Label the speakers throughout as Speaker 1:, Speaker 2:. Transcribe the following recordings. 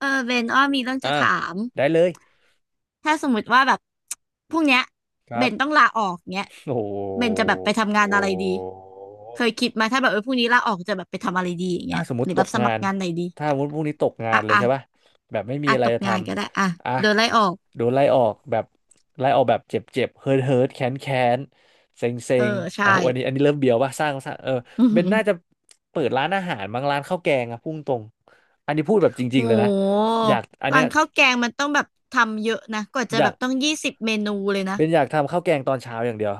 Speaker 1: เออเบนอ้อมีเรื่อง
Speaker 2: อ่า
Speaker 1: จะถาม
Speaker 2: ได้เลย
Speaker 1: ถ้าสมมติว่าแบบพรุ่งเนี้ย
Speaker 2: ค
Speaker 1: เบ
Speaker 2: รับ
Speaker 1: นต้องลาออกเนี้ย
Speaker 2: โอ
Speaker 1: เบน
Speaker 2: ้
Speaker 1: จะแบบไปทำงา
Speaker 2: โห
Speaker 1: นอะไรดีเคยคิดมาถ้าแบบพรุ่งนี้ลาออกจะแบบไปทำอะไรดีอย่างเงี้
Speaker 2: ถ้า
Speaker 1: ย
Speaker 2: สมม
Speaker 1: หรื
Speaker 2: ติ
Speaker 1: อ
Speaker 2: ต
Speaker 1: แบ
Speaker 2: ก
Speaker 1: บส
Speaker 2: งา
Speaker 1: มัคร
Speaker 2: น
Speaker 1: งานไหนดี
Speaker 2: ถ้าสมมติพรุ่งนี้ตกงาน
Speaker 1: อ่ะ
Speaker 2: เลย
Speaker 1: อ่ะ
Speaker 2: ใช่ป่ะแบบไม่มี
Speaker 1: อ่ะ
Speaker 2: อะไร
Speaker 1: ตก
Speaker 2: จะท
Speaker 1: งานก็ได้อ่ะ
Speaker 2: ำอ่ะ
Speaker 1: โดนไล่ออก
Speaker 2: โดนไล่ออกแบบไล่ออกแบบเจ็บเจ็บเฮิร์ทเฮิร์ทแค้นแค้นเซ็งเซ็
Speaker 1: เออ
Speaker 2: ง
Speaker 1: ใช่
Speaker 2: อ่ะวันนี้อันนี้เริ่มเบียวป่ะสร้าง
Speaker 1: อือ
Speaker 2: เบ
Speaker 1: หื
Speaker 2: น
Speaker 1: อ
Speaker 2: น่าจะเปิดร้านอาหารบางร้านข้าวแกงอะพุ่งตรงอันนี้พูดแบบจ
Speaker 1: โ
Speaker 2: ริงๆเลยนะ
Speaker 1: ห
Speaker 2: อยากอันเนี้
Speaker 1: ร้า
Speaker 2: ย
Speaker 1: นข้าวแกงมันต้องแบบทำเยอะนะกว่าจะ
Speaker 2: อ
Speaker 1: แบ
Speaker 2: ยาก
Speaker 1: บต้องยี่สิบเมนูเลยนะ
Speaker 2: อยากทำข้าวแกงตอนเช้าอย่างเดียว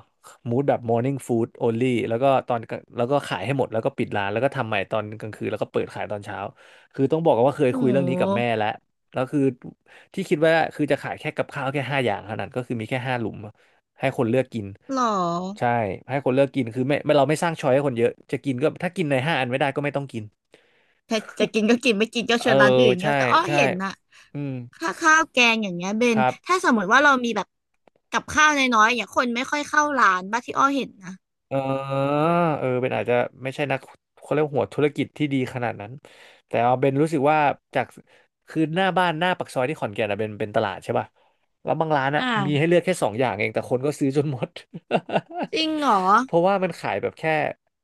Speaker 2: มูดแบบ morning food only แล้วก็ตอนแล้วก็ขายให้หมดแล้วก็ปิดร้านแล้วก็ทำใหม่ตอนกลางคืนแล้วก็เปิดขายตอนเช้าคือต้องบอกกันว่าเคย
Speaker 1: โ
Speaker 2: คุยเรื่องนี้กับ
Speaker 1: ห
Speaker 2: แม่แล้วแล้วคือที่คิดว่าคือจะขายแค่กับข้าวแค่ห้าอย่างเท่านั้นก็คือมีแค่ห้าหลุมให้คนเลือกกิน
Speaker 1: หรอ
Speaker 2: ใช่ให้คนเลือกกินคือไม่เราไม่สร้างช้อยให้คนเยอะจะกินก็ถ้ากินในห้าอันไม่ได้ก็ไม่ต้องกิน
Speaker 1: ถ้่จะกินก็กินไม่กินก็
Speaker 2: เอ
Speaker 1: เช
Speaker 2: อ
Speaker 1: วนร้านอื่น
Speaker 2: ใช่
Speaker 1: เงี้ยแต่อ้อ
Speaker 2: ใช่
Speaker 1: เห็นนะ
Speaker 2: อืม
Speaker 1: ค่าข้าวแกงอย่างเงี้ยเบ
Speaker 2: ค
Speaker 1: น
Speaker 2: รับ
Speaker 1: ถ้าสมมติว่าเรามีแบบกับข้าวน้อยๆอย่างคนไม่ค่อยเข้าร้านบ้างที่อ้อเห็นนะ
Speaker 2: เออเออเป็นอาจจะไม่ใช่นักเขาเรียกว่าหัวธุรกิจที่ดีขนาดนั้นแต่เอาเป็นรู้สึกว่าจากคือหน้าบ้านหน้าปากซอยที่ขอนแก่นอะเป็นตลาดใช่ป่ะแล้วบางร้าน
Speaker 1: อ
Speaker 2: อะมีให้
Speaker 1: ่า
Speaker 2: เลือกแค่สองอย่างเองแต่คนก็ซื้อจนหมด
Speaker 1: จริงเหรอ
Speaker 2: เพราะว่ามันขายแบบแค่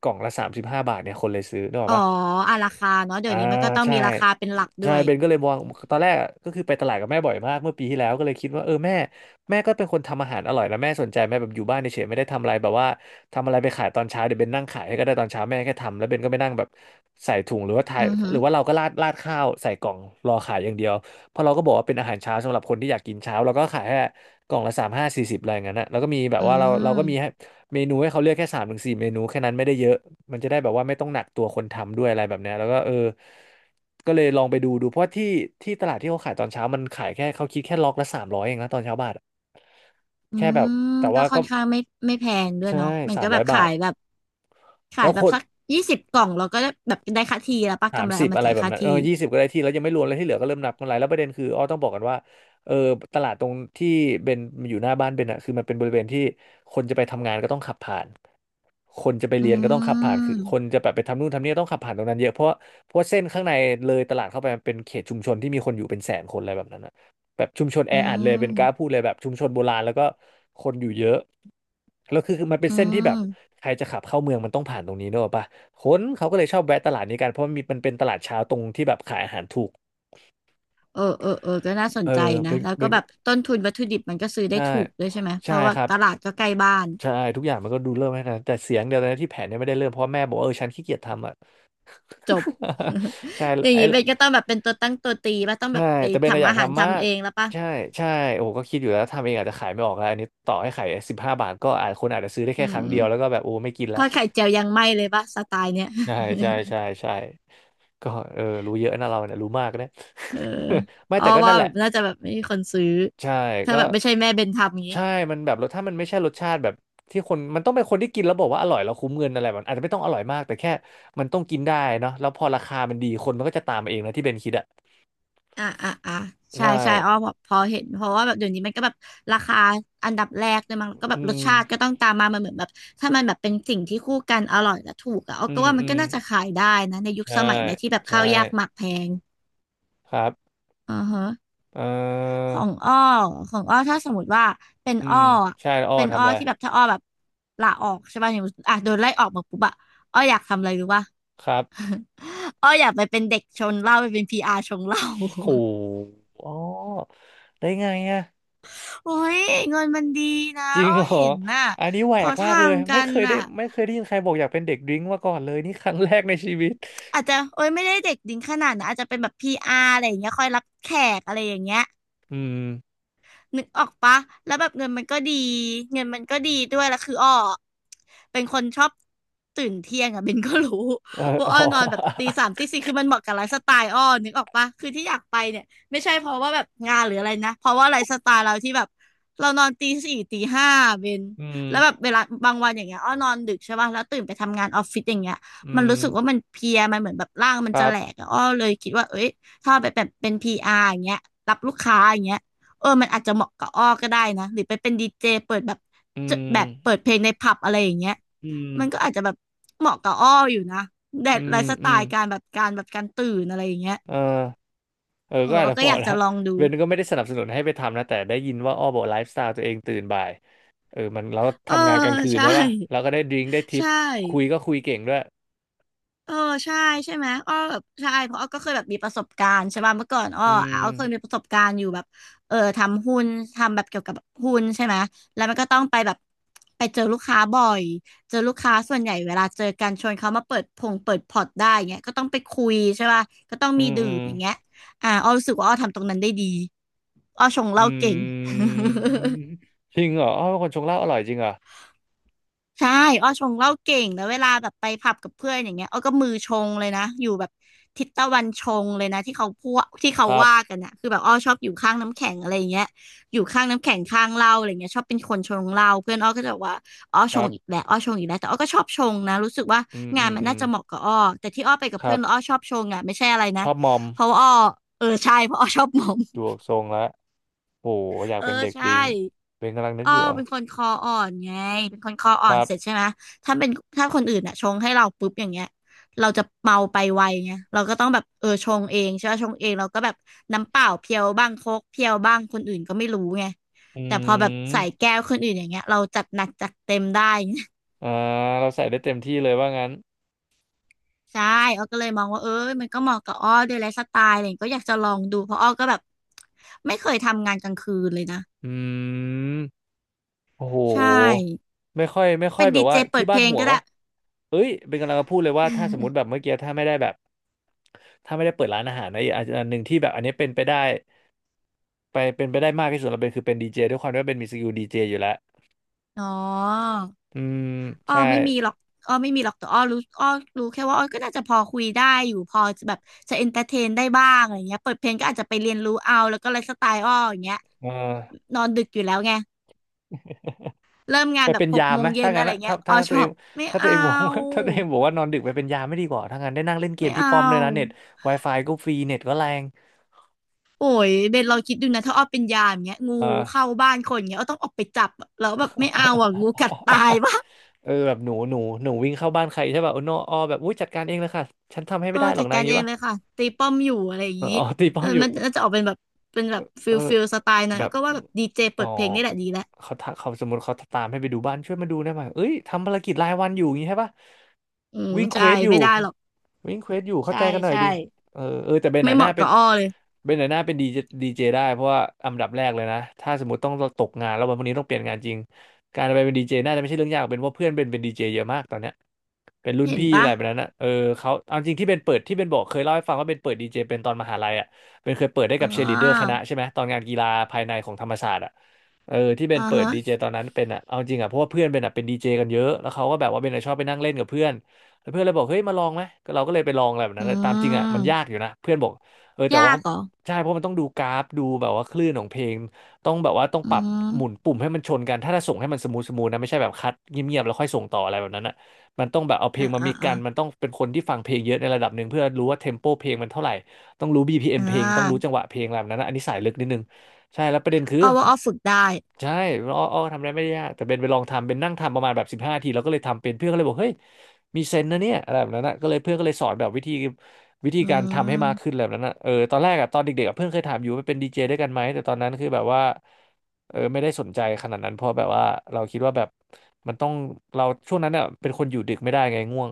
Speaker 2: กล่องละ35 บาทเนี่ยคนเลยซื้อนึกออ
Speaker 1: อ๋
Speaker 2: ก
Speaker 1: อ
Speaker 2: ปะ
Speaker 1: อ่ะราคาเนาะเดี๋ย
Speaker 2: อ่า
Speaker 1: วนี้มันก็ต้อง
Speaker 2: ใช่
Speaker 1: มีราคาเป็นหลักด้
Speaker 2: ใช่
Speaker 1: วย
Speaker 2: เบนก็เลยมองตอนแรกอะก็คือไปตลาดกับแม่บ่อยมากเมื่อปีที่แล้วก็เลยคิดว่าเออแม่ก็เป็นคนทำอาหารอร่อยนะแม่สนใจแม่แบบอยู่บ้านเฉยๆไม่ได้ทำอะไรแบบว่าทำอะไรไปขายตอนเช้าเดี๋ยวเบนนั่งขายให้ก็ได้ตอนเช้าแม่แค่ทำแล้วเบนก็ไปนั่งแบบใส่ถุงหรือว่าทาย
Speaker 1: อือหื
Speaker 2: ห
Speaker 1: อ
Speaker 2: รือว่าเราก็ราดราดข้าวใส่กล่องรอขายอย่างเดียวเพราะเราก็บอกว่าเป็นอาหารเช้าสำหรับคนที่อยากกินเช้าเราก็ขายแค่กล่องละสามห้าสี่สิบอะไรอย่างนั้นนะแล้วก็มีแบบ
Speaker 1: อื
Speaker 2: ว่าเราก็มี
Speaker 1: ม
Speaker 2: เมนูให้เขาเลือกแค่สามถึงสี่เมนูแค่นั้นไม่ได้เยอะมันจะได้แบบว่าไม่ต้องหนักตัวคนทำด้วยอะไรแบบเนี้ยแล้วก็เออก็เลยลองไปดูดูเพราะว่าที่ที่ตลาดที่เขาขายตอนเช้ามันขายแค่เขาคิดแค่ล็อกละสามร้อยเองนะตอนเช้าบาทอะ
Speaker 1: อื
Speaker 2: แค่แบบ
Speaker 1: ม
Speaker 2: แต่
Speaker 1: ก็
Speaker 2: ว่า
Speaker 1: ค่อ
Speaker 2: ก็
Speaker 1: นข้างไม่แพงด้วย
Speaker 2: ใช่
Speaker 1: เนาะมัน
Speaker 2: สา
Speaker 1: ก็
Speaker 2: ม
Speaker 1: แบ
Speaker 2: ร้อ
Speaker 1: บ
Speaker 2: ยบาท
Speaker 1: ขา
Speaker 2: แล้
Speaker 1: ย
Speaker 2: ว
Speaker 1: แบ
Speaker 2: ค
Speaker 1: บ
Speaker 2: น
Speaker 1: สักยี่สิบกล่องเราก็ได้แบบได้ค่าที่แล้วป้า
Speaker 2: สา
Speaker 1: กำ
Speaker 2: ม
Speaker 1: ไร
Speaker 2: สิบ
Speaker 1: เอามา
Speaker 2: อะไร
Speaker 1: จ่าย
Speaker 2: แบบ
Speaker 1: ค่า
Speaker 2: นั้นเออ
Speaker 1: ที่
Speaker 2: 20ก็ได้ที่แล้วยังไม่รวมอะไรที่เหลือก็เริ่มนับกันไรแล้วประเด็นคืออ้อต้องบอกกันว่าเออตลาดตรงที่เบนอยู่หน้าบ้านเบนอะคือมันเป็นบริเวณที่คนจะไปทำงานก็ต้องขับผ่าน คนจะไป
Speaker 1: อื
Speaker 2: เรียนก็ต้องขับผ่านคือ
Speaker 1: ม
Speaker 2: คนจะแบบไปทำนู่นทำนี่ต้องขับผ่านตรงนั้นเยอะเพราะเส้นข้างในเลยตลาดเข้าไปมันเป็นเขตชุมชนที่มีคนอยู่เป็นแสนคนอะไรแบบนั้นนะแบบชุมชนแอ
Speaker 1: อื
Speaker 2: อัดเลยเป็น
Speaker 1: ม
Speaker 2: กล้าพูดเลยแบบชุมชนโบราณแล้วก็คนอยู่เยอะแล้วคือมันเป็น
Speaker 1: อื
Speaker 2: เส้นที่แบบ
Speaker 1: ม
Speaker 2: ใครจะขับเข้าเมืองมันต้องผ่านตรงนี้เนกอะปะคนเขาก็เลยชอบแวะตลาดนี้กันเพราะมันมีมันเป็นตลาดเช้าตรงที่แบบขายอาหารถูก
Speaker 1: เออเออเออก็น่าสน
Speaker 2: เออ
Speaker 1: ใจนะ
Speaker 2: เป็น
Speaker 1: แล้ว
Speaker 2: เป็
Speaker 1: ก็
Speaker 2: น
Speaker 1: แบบต้นทุนวัตถุดิบมันก็ซื้อได้
Speaker 2: ใช่
Speaker 1: ถูกด้วยใช่ไหมเพ
Speaker 2: ใช่
Speaker 1: ราะว่า
Speaker 2: ครับ
Speaker 1: ตลาดก็ใกล้บ้าน
Speaker 2: ใช่ทุกอย่างมันก็ดูเริ่มให้นะแต่เสียงเดียวนะที่แผนเนี่ยไม่ได้เริ่มเพราะแม่บอกว่าเออฉันขี้เกียจทำอ่ะ
Speaker 1: จบ
Speaker 2: ใช่
Speaker 1: อย่าง
Speaker 2: ไอ้
Speaker 1: นี้เบนก็ต้องแบบเป็นตัวตั้งตัวตีป่ะต้องแบ
Speaker 2: ใช่
Speaker 1: บไป
Speaker 2: แต่เบนอะอ
Speaker 1: ทำ
Speaker 2: ยาก
Speaker 1: อาหาร
Speaker 2: ทำมา
Speaker 1: ทำ
Speaker 2: ก
Speaker 1: เองแล้วป่ะ
Speaker 2: ใช่ใช่โอ้โหก็คิดอยู่แล้วทำเองอาจจะขายไม่ออกแล้วอันนี้ต่อให้ขายสิบห้าบาทก็อาจคนอาจจะซื้อได้
Speaker 1: อื
Speaker 2: แค่ครั้งเดี
Speaker 1: ม
Speaker 2: ยวแล้วก็แบบโอ้ไม่กิน
Speaker 1: ท
Speaker 2: ละ
Speaker 1: อดไข่เจียวยังไม่เลยป่ะสไตล์เนี้ย
Speaker 2: ใช่ใช่ใช่ใช่ก็เออรู้เยอะนะเราเนี่ยรู้มากนะ
Speaker 1: เออ
Speaker 2: ไม่
Speaker 1: อ้อ
Speaker 2: แต่ก็
Speaker 1: ว่า
Speaker 2: นั่นแห
Speaker 1: แบ
Speaker 2: ละ
Speaker 1: บน่าจะแบบไม่มีคนซื้อ
Speaker 2: ใช่
Speaker 1: ถ้า
Speaker 2: ก็
Speaker 1: แบบไม่ใช่แม่เบนทำอย่างนี้
Speaker 2: ใช่มันแบบรสถ้ามันไม่ใช่รสชาติแบบที่คนมันต้องเป็นคนที่กินแล้วบอกว่าอร่อยแล้วคุ้มเงินอะไรมันอาจจะไม่ต้องอร่อยมากแต่แค่มันต้องกินได้เนาะแล้วพอราคามันดีคนมันก็จะตามมาเองนะที่เบนคิดอะ
Speaker 1: อ่าอ่าอ่าใช่
Speaker 2: ใช่
Speaker 1: ใช่อ้อพอเห็นเพราะว่าแบบเดี๋ยวนี้มันก็แบบราคาอันดับแรกเลยมั้งแล้วก็แบ
Speaker 2: อื
Speaker 1: บรส
Speaker 2: ม
Speaker 1: ชาติก็ต้องตามมามันเหมือนแบบถ้ามันแบบเป็นสิ่งที่คู่กันอร่อยและถูกอะอ้อ
Speaker 2: อื
Speaker 1: ก็
Speaker 2: ม
Speaker 1: ว่ามั
Speaker 2: อื
Speaker 1: นก็
Speaker 2: ม
Speaker 1: น่าจะขายได้นะในยุค
Speaker 2: ใช่
Speaker 1: สมัยเนี่ยที่แบบ
Speaker 2: ใช่
Speaker 1: ข้าวยากหมากแพง
Speaker 2: ครับ
Speaker 1: อ่าฮะ
Speaker 2: เอ่อ
Speaker 1: ของอ้อของอ้อถ้าสมมติว่าเป็น
Speaker 2: อื
Speaker 1: อ้อ
Speaker 2: ม
Speaker 1: อะ
Speaker 2: ใช่อ้อ
Speaker 1: เป็นอ้
Speaker 2: ทำ
Speaker 1: อ
Speaker 2: อะไร
Speaker 1: ที่แบบถ้าอ้อแบบลาออกใช่ป่ะอย่างอ่ะโดนไล่ออกมาปุ๊บอะอ้ออยากทำอะไรรู้ป่ะ
Speaker 2: ครับ
Speaker 1: อ้ออยากไปเป็นเด็กชงเหล้าไปเป็นพีอาร์ชงเหล้า
Speaker 2: โหอ้อได้ไงอะ
Speaker 1: โอ้ยเงินมันดีนะ
Speaker 2: จริง
Speaker 1: อ้อ
Speaker 2: เหรอ
Speaker 1: เห็นน่ะ
Speaker 2: อันนี้แหว
Speaker 1: เขา
Speaker 2: ก
Speaker 1: ท
Speaker 2: มากเลย
Speaker 1: ำกันน่ะ
Speaker 2: ไม่เคยได้ยินใครบอกอยากเป็นเด็กดริ้งก์มาก่อนเลยนี่ครั้งแรกในชีวิต
Speaker 1: อาจจะโอ้ยไม่ได้เด็กดิ้งขนาดนะอาจจะเป็นแบบพีอาร์อะไรอย่างเงี้ยคอยรับแขกอะไรอย่างเงี้ย
Speaker 2: อืม
Speaker 1: นึกออกปะแล้วแบบเงินมันก็ดีด้วยแล้วคืออ้อเป็นคนชอบตื่นเที่ยงอะเบนก็รู้
Speaker 2: เออ
Speaker 1: ว่า
Speaker 2: อ๋อ
Speaker 1: อ้อนอนแบบตีสามตีสี่คือมันเหมาะกับไลฟ์สไตล์อ้อนึกออกปะคือที่อยากไปเนี่ยไม่ใช่เพราะว่าแบบงานหรืออะไรนะเพราะว่าไลฟ์สไตล์เราที่แบบเรานอนตีสี่ตีห้าเบน
Speaker 2: อืม
Speaker 1: แล้วแบบเวลาบางวันอย่างเงี้ยอ้อนอนดึกใช่ปะแล้วตื่นไปทำงานออฟฟิศอย่างเงี้ย
Speaker 2: อื
Speaker 1: มัน
Speaker 2: ม
Speaker 1: รู้สึกว่ามันเพลียมันเหมือนแบบร่างมัน
Speaker 2: ค
Speaker 1: จะ
Speaker 2: รั
Speaker 1: แหลก
Speaker 2: บ
Speaker 1: อะอ้อเลยคิดว่าเอ้ยถ้าไปแบบเป็นพีอาร์อย่างเงี้ยรับลูกค้าอย่างเงี้ย เออมันอาจจะเหมาะกับอ้อก็ได้นะ หรือไปเป็นดีเจเปิดแบบ
Speaker 2: อื
Speaker 1: จะแบ
Speaker 2: ม
Speaker 1: บเปิดเพลงในผับอะไรอย่างเงี้ย
Speaker 2: อืม
Speaker 1: มันก็อาจจะแบบเหมาะกับอ้ออยู่นะแต
Speaker 2: อื
Speaker 1: ไล
Speaker 2: ม
Speaker 1: ฟ์สไต
Speaker 2: อืม
Speaker 1: ล์การตื่นอะไรอย่างเงี้ย
Speaker 2: เออ เออ
Speaker 1: เอ
Speaker 2: ก็
Speaker 1: อ
Speaker 2: อาจ
Speaker 1: อ้อ
Speaker 2: จะ
Speaker 1: ก็
Speaker 2: เห
Speaker 1: อ
Speaker 2: มาะ
Speaker 1: ยาก
Speaker 2: แล้ว
Speaker 1: จะลองดู
Speaker 2: เบนก็ไม่ได้สนับสนุนให้ไปทำนะแต่ได้ยินว่าอ้อบอกไลฟ์สไตล์ตัวเองตื่นบ่ายเออมันแล้ว
Speaker 1: เออ
Speaker 2: ทำงานกลางคืน
Speaker 1: ใช่
Speaker 2: ใช่ป่ะแล้วก็ได้ดริงก์ได้ทิป
Speaker 1: ใช่
Speaker 2: คุยก็คุยเก่งด้วย
Speaker 1: เออใช่ใช่ไหมอ้อแบบใช่เพราะอ้อก็เคยแบบมีประสบการณ์ใช่ป่ะเมื่อก่อนอ้อ
Speaker 2: อื
Speaker 1: อ่ะอ้อเคยมี
Speaker 2: ม
Speaker 1: ประสบการณ์อยู่แบบเออทำหุ้นทำแบบเกี่ยวกับหุ้นใช่ไหมแล้วมันก็ต้องไปแบบไปเจอลูกค้าบ่อยเจอลูกค้าส่วนใหญ่เวลาเจอกันชวนเขามาเปิดพงเปิดพอร์ตได้เงี้ยก็ต้องไปคุยใช่ป่ะก็ต้อง
Speaker 2: อื
Speaker 1: มี
Speaker 2: ม
Speaker 1: ดื่
Speaker 2: อื
Speaker 1: ม
Speaker 2: ม
Speaker 1: อย่างเงี้ยอ่าอ้อรู้สึกว่าอ้อทำตรงนั้นได้ดีอ้อชงเห
Speaker 2: อื
Speaker 1: ล้าเก่ง
Speaker 2: มจริงเหรออ้อเป็นคนชงเหล้าอร่อยจริงเหรอ
Speaker 1: ใช่อ้อชงเหล้าเก่งแล้ว เวลาแบบไปผับกับเพื่อนอย่างเงี้ยอ้อก็มือชงเลยนะอยู่แบบทิศตะวันชงเลยนะที่เขาพูดที่
Speaker 2: ค
Speaker 1: เขา
Speaker 2: รับ
Speaker 1: ว่ากันนะคือแบบอ้อชอบอยู่ข้างน้ำแข็งอะไรอย่างเงี้ยอยู่ข้างน้ำแข็งข้างเหล้าอะไรเงี้ยชอบเป็นคนชงเหล้าเพื่อนอ้อก็จะบอกว่าอ้อ
Speaker 2: ค
Speaker 1: ช
Speaker 2: รั
Speaker 1: งอีก
Speaker 2: บ
Speaker 1: แล้วอ้อชงอีกแล้วแต่อ้อก็ชอบชงนะรู้สึกว่า
Speaker 2: อืม
Speaker 1: งา
Speaker 2: อื
Speaker 1: น
Speaker 2: ม
Speaker 1: มัน
Speaker 2: อื
Speaker 1: น่า
Speaker 2: ม
Speaker 1: จะเหมาะกับอ้อแต่ที่อ้อไปกับ
Speaker 2: ค
Speaker 1: เพื่
Speaker 2: รั
Speaker 1: อนแล้วอ้อ
Speaker 2: บ
Speaker 1: ชอบชงอ่ะไม่ใช่อะไร
Speaker 2: ช
Speaker 1: นะ
Speaker 2: อบมอม
Speaker 1: เพราะว่าอ้อเออใช่เพราะอ้อชอบหมอม
Speaker 2: ดูออกทรงแล้วโหอยาก
Speaker 1: เออ
Speaker 2: เป็นเด็กด
Speaker 1: ใช่
Speaker 2: ริงก์เบนกำลังนึกอยู่เหรอ่ะ
Speaker 1: เป็นคนคออ่อนไงเป็นคนคออ่
Speaker 2: ค
Speaker 1: อน
Speaker 2: รับ
Speaker 1: เสร็จใช่ไหมถ้าเป็นถ้าคนอื่นอ่ะชงให้เราปุ๊บอย่างเงี้ยเราจะเมาไปไวไงเราก็ต้องแบบชงเองใช่ไหมชงเองเราก็แบบน้ำเปล่าเพียวบ้างโค้กเพียวบ้างคนอื่นก็ไม่รู้ไง
Speaker 2: อื
Speaker 1: แต่พอแบบ
Speaker 2: ม
Speaker 1: ใส่แก้วคนอื่นอย่างเงี้ยเราจัดหนักจัดเต็มได้
Speaker 2: อ่าเราใส่ได้เต็มที่เลยว่างั้น
Speaker 1: ใช่อ้อก็เลยมองว่ามันก็เหมาะกับอ้อด้วยไลฟ์สไตล์อะไรอย่างเงี้ยก็อยากจะลองดูเพราะอ้อก็แบบไม่เคยทำงานกลางคืนเลยนะ
Speaker 2: อืม โอ้โห
Speaker 1: ใช่
Speaker 2: ไม่ค่
Speaker 1: เป็
Speaker 2: อย
Speaker 1: น
Speaker 2: แบ
Speaker 1: ดี
Speaker 2: บ
Speaker 1: เจ
Speaker 2: ว่า
Speaker 1: เปิ
Speaker 2: ที่
Speaker 1: ดเพ
Speaker 2: บ้าน
Speaker 1: ลง
Speaker 2: ห่วง
Speaker 1: ก็ได้
Speaker 2: วะเอ้ยเป็นกำลังจะพูดเลยว่าถ้าสมมติแบบเมื่อกี้ถ้าไม่ได้แบบถ้าไม่ได้เปิดร้านอาหารนะอกอันหนึ่งที่แบบอันนี้เป็นไปได้มากที่สุดเราเป็นคือเป็นดีเจด้วยความที่ว่าเป็นมีสกิลดีเจอยู่แล้ว
Speaker 1: อ๋อ
Speaker 2: อืม
Speaker 1: อ้อ
Speaker 2: ใช่
Speaker 1: ไม่มีหรอกอ้อไม่มีหรอกแต่อ้อรู้อ้อรู้แค่ว่าอ้อก็น่าจะพอคุยได้อยู่พอจะแบบจะเอนเตอร์เทนได้บ้างอะไรเงี้ยเปิดเพลงก็อาจจะไปเรียนรู้เอาแล้วก็ไลฟ์สไตล์อ้ออย่างเงี้ย
Speaker 2: เออ
Speaker 1: นอนดึกอยู่แล้วไงเริ่มงา
Speaker 2: ไป
Speaker 1: นแบ
Speaker 2: เป็
Speaker 1: บ
Speaker 2: น
Speaker 1: หก
Speaker 2: ยาม
Speaker 1: โม
Speaker 2: ไห
Speaker 1: ง
Speaker 2: ม
Speaker 1: เย็
Speaker 2: ถ้า
Speaker 1: นอะ
Speaker 2: งั้น
Speaker 1: ไร
Speaker 2: นะ
Speaker 1: เงี้ยอ้อชอบไม่
Speaker 2: ถ้าตัวเอ
Speaker 1: เอา
Speaker 2: งบอกว่า ถ้าตัวเองบอกว่านอนดึกไปเป็นยามไม่ดีกว่าถ้างั้นได้นั่งเล่นเกม
Speaker 1: ไม่
Speaker 2: ที่
Speaker 1: เอา
Speaker 2: ป้อมด้วยนะเน็ต Wi-Fi ก็ฟรีเน็ตก็แรง
Speaker 1: โอ้ยเบนลองคิดดูนะถ้าอ้อเป็นยามเงี้ยงู
Speaker 2: เออ
Speaker 1: เข้าบ้านคนเงี้ยอ้อต้องออกไปจับอะแล้วแบบไม่เอาอ่ะงูกัดตายป่ะ
Speaker 2: เออแบบหนูวิ่งเข้าบ้านใครใช่ป่ะโอ้โนออแบบอุ้ยจัดการเองเลยค่ะฉันทำให้ไม่ได้หรอ
Speaker 1: จั
Speaker 2: ก
Speaker 1: ด
Speaker 2: นะอ
Speaker 1: การ
Speaker 2: ย่างงี้
Speaker 1: เอง
Speaker 2: ป่ะ
Speaker 1: เลยค่ะตีป้อมอยู่อะไรอย่าง
Speaker 2: เออ
Speaker 1: นี้
Speaker 2: อ๋อตีป้อมอยู่
Speaker 1: มันน่าจะออกเป็นแบบเป็นแบบฟิ
Speaker 2: เออ
Speaker 1: ลฟิลสไตล์หนะ
Speaker 2: แบ
Speaker 1: แล้ว
Speaker 2: บ
Speaker 1: ก็ว่าแบบดีเจเปิ
Speaker 2: อ๋อ
Speaker 1: ดเพลงนี่แหละดีแล้ว
Speaker 2: เขาถ้าเขาสมมติเขาตามให้ไปดูบ้านช่วยมาดูได้ไหมเอ้ยทำภารกิจรายวันอยู่อย่างงี้ใช่ปะ
Speaker 1: อืม
Speaker 2: วิ่งเคว
Speaker 1: ใช่
Speaker 2: สอยู่
Speaker 1: ไม่ได้หรอก
Speaker 2: วิ่งเควสอยู่เข้า
Speaker 1: ใช่
Speaker 2: ใจกันหน่อย
Speaker 1: ใช่
Speaker 2: ดิเออเออแต่เบนห
Speaker 1: ไม่
Speaker 2: น่ะ
Speaker 1: เห
Speaker 2: หน้า
Speaker 1: มาะ
Speaker 2: เป็
Speaker 1: กั
Speaker 2: น
Speaker 1: บอ้อเลย
Speaker 2: เบนหน่ะหน้าเป็นดีเจดีเจได้เพราะว่าอันดับแรกเลยนะถ้าสมมติต้องตกงานแล้ววันพรุ่งนี้ต้องเปลี่ยนงานจริงการไปเป็นดีเจน่าจะไม่ใช่เรื่องยากเป็นว่าเพื่อนเบนเป็นดีเจเยอะมากตอนเนี้ยเป็นรุ่น
Speaker 1: เห็น
Speaker 2: พี่อะ
Speaker 1: ปะ
Speaker 2: ไรแบบนั้นนะเออเขาเอาจริงที่เบนเปิดที่เบนบอกเคยเล่าให้ฟังว่าเบนเปิดดีเจเป็นตอนมหาลัยอ่ะเปนเคยเปิดได้
Speaker 1: อ๋
Speaker 2: กับเชียร์ลีดเดอร์ค
Speaker 1: อ
Speaker 2: ณะใช่ไหมตอนงานกีฬาภายในของธรรมศาสตร์อ่ะ เออที่เป็น
Speaker 1: อ่า
Speaker 2: เปิด
Speaker 1: ฮะ
Speaker 2: ดีเจตอนนั้นเป็นอ่ะเอาจริงอ่ะเพราะว่าเพื่อนเป็นอ่ะเป็นดีเจกันเยอะแล้วเขาก็แบบว่าเบนอ่ะชอบไปนั่งเล่นกับเพื่อนแล้วเพื่อนเลยบอกเฮ้ยมาลองไหมก็เราก็เลยไปลองอะไรแบบ
Speaker 1: อื
Speaker 2: นั้นแต่ตามจริงอ่ะมันยาก
Speaker 1: ม
Speaker 2: อยู่นะเพื่อนบอกเออแต่ว่า
Speaker 1: ยาก
Speaker 2: เขา
Speaker 1: เหรอ
Speaker 2: ใช่เพราะมันต้องดูกราฟดูแบบว่าคลื่นของเพลงต้องแบบว่าต้อง
Speaker 1: อื
Speaker 2: ปรับ
Speaker 1: ม
Speaker 2: หมุนปุ่มให้มันชนกันถ้าจะส่งให้มันสมูทสมูทนะไม่ใช่แบบคัดเงียบๆแล้วค่อยส่งต่ออะไรแบบนั้นอ่ะมันต้องแบบเอาเพล
Speaker 1: อ่า
Speaker 2: งมา
Speaker 1: อ่า
Speaker 2: มี
Speaker 1: อ่า
Speaker 2: กันมันต้องเป็นคนที่ฟังเพลงเยอะในระดับหนึ่งเพื่อรู้ว่าเทมโปเพลงมันเท่าไหร่ต้องรู้BPM
Speaker 1: อ่
Speaker 2: เพลงต้องรู้จัง
Speaker 1: า
Speaker 2: หวะเพลงอะไรแบบนั้นนะอันนี้สายลึกนิดนึงใช่แล้วประเด็นคือ
Speaker 1: อ้อว่าอ้อฝึกได้
Speaker 2: ใช่อ้ออ้อทำอะไรไม่ได้ยากแต่เบนไปลองทำเบนนั่งทำประมาณแบบ15 ทีแล้วก็เลยทำเป็นเพื่อนก็เลยบอกเฮ้ยมีเซนส์นะเนี่ยอะไรแบบนั้นนะก็เลยเพื่อนก็เลยสอนแบบวิธี
Speaker 1: อื
Speaker 2: การทำให้มากขึ้นอะ
Speaker 1: ม
Speaker 2: ไรแบบนั้นนะเออตอนแรกอะตอนเด็กๆอะเพื่อนเคยถามอยู่ว่าเป็นดีเจด้วยกันไหม แต่ตอนนั้นคือแบบว่าเออไม่ได้สนใจขนาดนั้น เพราะแบบว่าเราคิดว่าแบบมันต้องเราช่วงนั้นอะเป็นคนอยู่ดึกไม่ได้ไงง่วง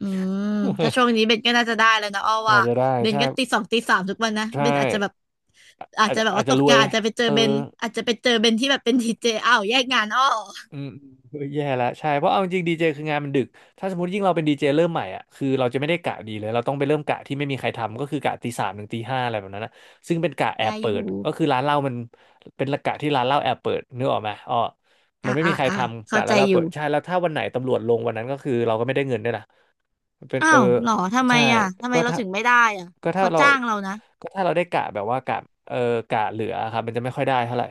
Speaker 1: อืมถ้าช่วงนี้เบนก็น่าจะได้แล้วนะอ้อ
Speaker 2: อา
Speaker 1: ว่า
Speaker 2: จจะได้
Speaker 1: เบน
Speaker 2: ใช่
Speaker 1: ก็ตีสองตีสามทุกวันนะเบ
Speaker 2: ใช่
Speaker 1: นอาจจะแบบอาจ
Speaker 2: อาจ
Speaker 1: จะแบบ
Speaker 2: อาจ
Speaker 1: ว่า
Speaker 2: จะ
Speaker 1: ตก
Speaker 2: รว
Speaker 1: งา
Speaker 2: ย
Speaker 1: นอาจจะไปเจอ
Speaker 2: เออ
Speaker 1: เบนอาจจะไปเจอเบนที่แบบเป็นดีเจอ้าวแยกงานอ้อ
Speaker 2: อืมเออแย่แลวใช่เพราะเอาจริงดีเจคืองานมันดึกถ้าสมมติยิ่งเราเป็นดีเจเริ่มใหม่อ่ะคือเราจะไม่ได้กะดีเลยเราต้องไปเริ่มกะที่ไม่มีใครทำก็คือกะตี 3 ถึงตี 5อะไรแบบนั้นนะซึ่งเป็นกะแอ
Speaker 1: ได้
Speaker 2: บเปิ
Speaker 1: อ
Speaker 2: ด
Speaker 1: ยู่
Speaker 2: ก็คือร้านเหล้ามันเป็นกะที่ร้านเหล้าแอบเปิดนึกออกไหมอ๋อมั
Speaker 1: อ่ะ
Speaker 2: นไม่
Speaker 1: อ่ะ
Speaker 2: มีใคร
Speaker 1: อ่ะ
Speaker 2: ทำ
Speaker 1: เข้า
Speaker 2: กะ
Speaker 1: ใจ
Speaker 2: ร้านเหล้า
Speaker 1: อ
Speaker 2: เปิ
Speaker 1: ยู่
Speaker 2: ดใช่แล้วถ้าวันไหนตำรวจลงวันนั้นก็คือเราก็ไม่ได้เงินด้วยนะเป็น
Speaker 1: อ้า
Speaker 2: เออ
Speaker 1: วเหรอทำไม
Speaker 2: ใช่
Speaker 1: อ่ะทำไม
Speaker 2: ก็
Speaker 1: เรา
Speaker 2: ถ้า
Speaker 1: ถึงไม่ได้อ่ะ
Speaker 2: ก็ถ้า
Speaker 1: เขา
Speaker 2: เรา
Speaker 1: จ้างเรานะ
Speaker 2: ก็ถ้าเราได้กะแบบว่ากะเออกะเหลือครับมันจะไม่ค่อยได้เท่าไหร่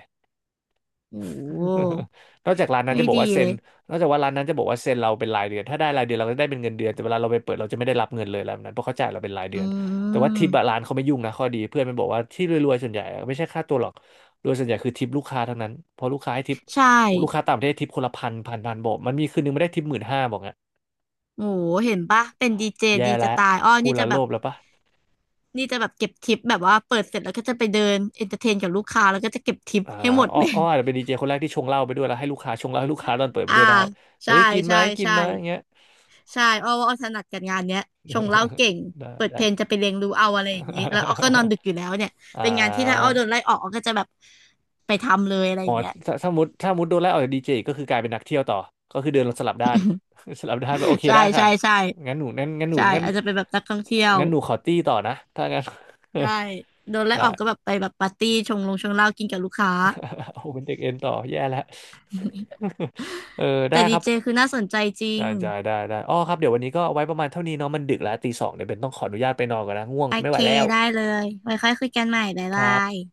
Speaker 1: โอ้โห
Speaker 2: นอกจากร้านนั้น
Speaker 1: ไม่
Speaker 2: จะบอก
Speaker 1: ดี
Speaker 2: ว่าเซ็
Speaker 1: เล
Speaker 2: น
Speaker 1: ย
Speaker 2: นอกจากว่าร้านนั้นจะบอกว่าเซ็นเราเป็นรายเดือนถ้าได้รายเดือนเราก็จะได้เป็นเงินเดือนแต่เวลาเราไปเปิดเราจะไม่ได้รับเงินเลยอะไรแบบนั้นเพราะเขาจ่ายเราเป็นรายเดื
Speaker 1: อื
Speaker 2: อนแต่ว่าทิ
Speaker 1: ม
Speaker 2: ปอะร้านเขาไม่ยุ่งนะข้อดีเพื่อนมันบอกว่าที่รวยๆส่วนใหญ่อะไม่ใช่ค่าตัวหรอกโดยส่วนใหญ่คือทิปลูกค้าทั้งนั้นเพราะลูกค้าให้ทิป
Speaker 1: ใช่
Speaker 2: ลูกค้าต่างประเทศทิปคนละพันพันพันบอกมันมีคืนนึงไม่ได้ทิป15,000บอกงี้
Speaker 1: โอ้โหเห็นปะเป็นดีเจ
Speaker 2: แย่
Speaker 1: ดี
Speaker 2: แล้ว
Speaker 1: จะตายอ้อ
Speaker 2: พูด
Speaker 1: นี่
Speaker 2: แล้
Speaker 1: จะ
Speaker 2: ว
Speaker 1: แบ
Speaker 2: โล
Speaker 1: บ
Speaker 2: ภแล้วปะ
Speaker 1: นี่จะแบบเก็บทิปแบบว่าเปิดเสร็จแล้วก็จะไปเดินเอนเตอร์เทนกับลูกค้าแล้วก็จะเก็บทิป
Speaker 2: อ่า
Speaker 1: ให้หมด
Speaker 2: อ้อ
Speaker 1: เลย
Speaker 2: อ้ออาจจะเป็นดีเจคนแรกที่ชงเหล้าไปด้วยแล้วให้ลูกค้าชงเหล้าให้ลูกค้าตอนเปิดไป
Speaker 1: อ่า
Speaker 2: ด้วยได้เฮ้
Speaker 1: ใช่
Speaker 2: ยกินไหม
Speaker 1: ใช่
Speaker 2: กิน
Speaker 1: ใช่
Speaker 2: ไหมอย่างเงี้ย
Speaker 1: ใช่อ้อว่าอ้อถนัดกับงานเนี้ยชงเหล้าเก่ ง
Speaker 2: ได้
Speaker 1: เปิดเพลงจะ
Speaker 2: ได้
Speaker 1: ไปเลียงรูเอาอะไรอย่างนี้แล้วอ้อก็นอนดึกอยู่แล้วเนี่ย
Speaker 2: อ่
Speaker 1: เป็นงานที่ถ้าอ้อ
Speaker 2: า
Speaker 1: โดนไล่ออกอ้อก็จะแบบไปทำเลยอะไรอ
Speaker 2: อ๋อ
Speaker 1: ย่างเงี้ย
Speaker 2: ถ้าถ้ามุดโดนไล่ออกจากดีเจก็คือกลายเป็นนักเที่ยวต่อ ก็คือเดินลงสลับด้าน สลับด้านแบบโอเค
Speaker 1: ใช่
Speaker 2: ได้ค่ะ
Speaker 1: ใช่ใช่
Speaker 2: งั้นหนูงั้นงั้นหนู
Speaker 1: ใช่
Speaker 2: งั้น
Speaker 1: อาจจะเป็นแบบนักท่องเที่ยว
Speaker 2: งั้นหนูขอตี้ต่อนะถ้างั้น
Speaker 1: ใช่โดน ไล่
Speaker 2: ได้
Speaker 1: ออกก็แบบไปแบบปาร์ตี้ชงลงชงเหล้ากินกับลูกค้า
Speaker 2: โอ้เป็นเด็กเอ็นต่อแย่แล้ว เออได้
Speaker 1: แต่
Speaker 2: ค
Speaker 1: ดี
Speaker 2: รับ
Speaker 1: เจคือน่าสนใจจริ
Speaker 2: ได้
Speaker 1: ง
Speaker 2: ได้ได้ได้อ๋อครับเดี๋ยววันนี้ก็เอาไว้ประมาณเท่านี้เนาะมันดึกแล้วตี 2เดี๋ยวเป็นต้องขออนุญาตไปนอนก่อนนะง่วง
Speaker 1: โอ
Speaker 2: ไม่ไห
Speaker 1: เค
Speaker 2: วแล้ว
Speaker 1: ได้เลยไว้ค่อยคุยกันใหม่บ๊าย
Speaker 2: ค
Speaker 1: บา
Speaker 2: รั
Speaker 1: ย
Speaker 2: บ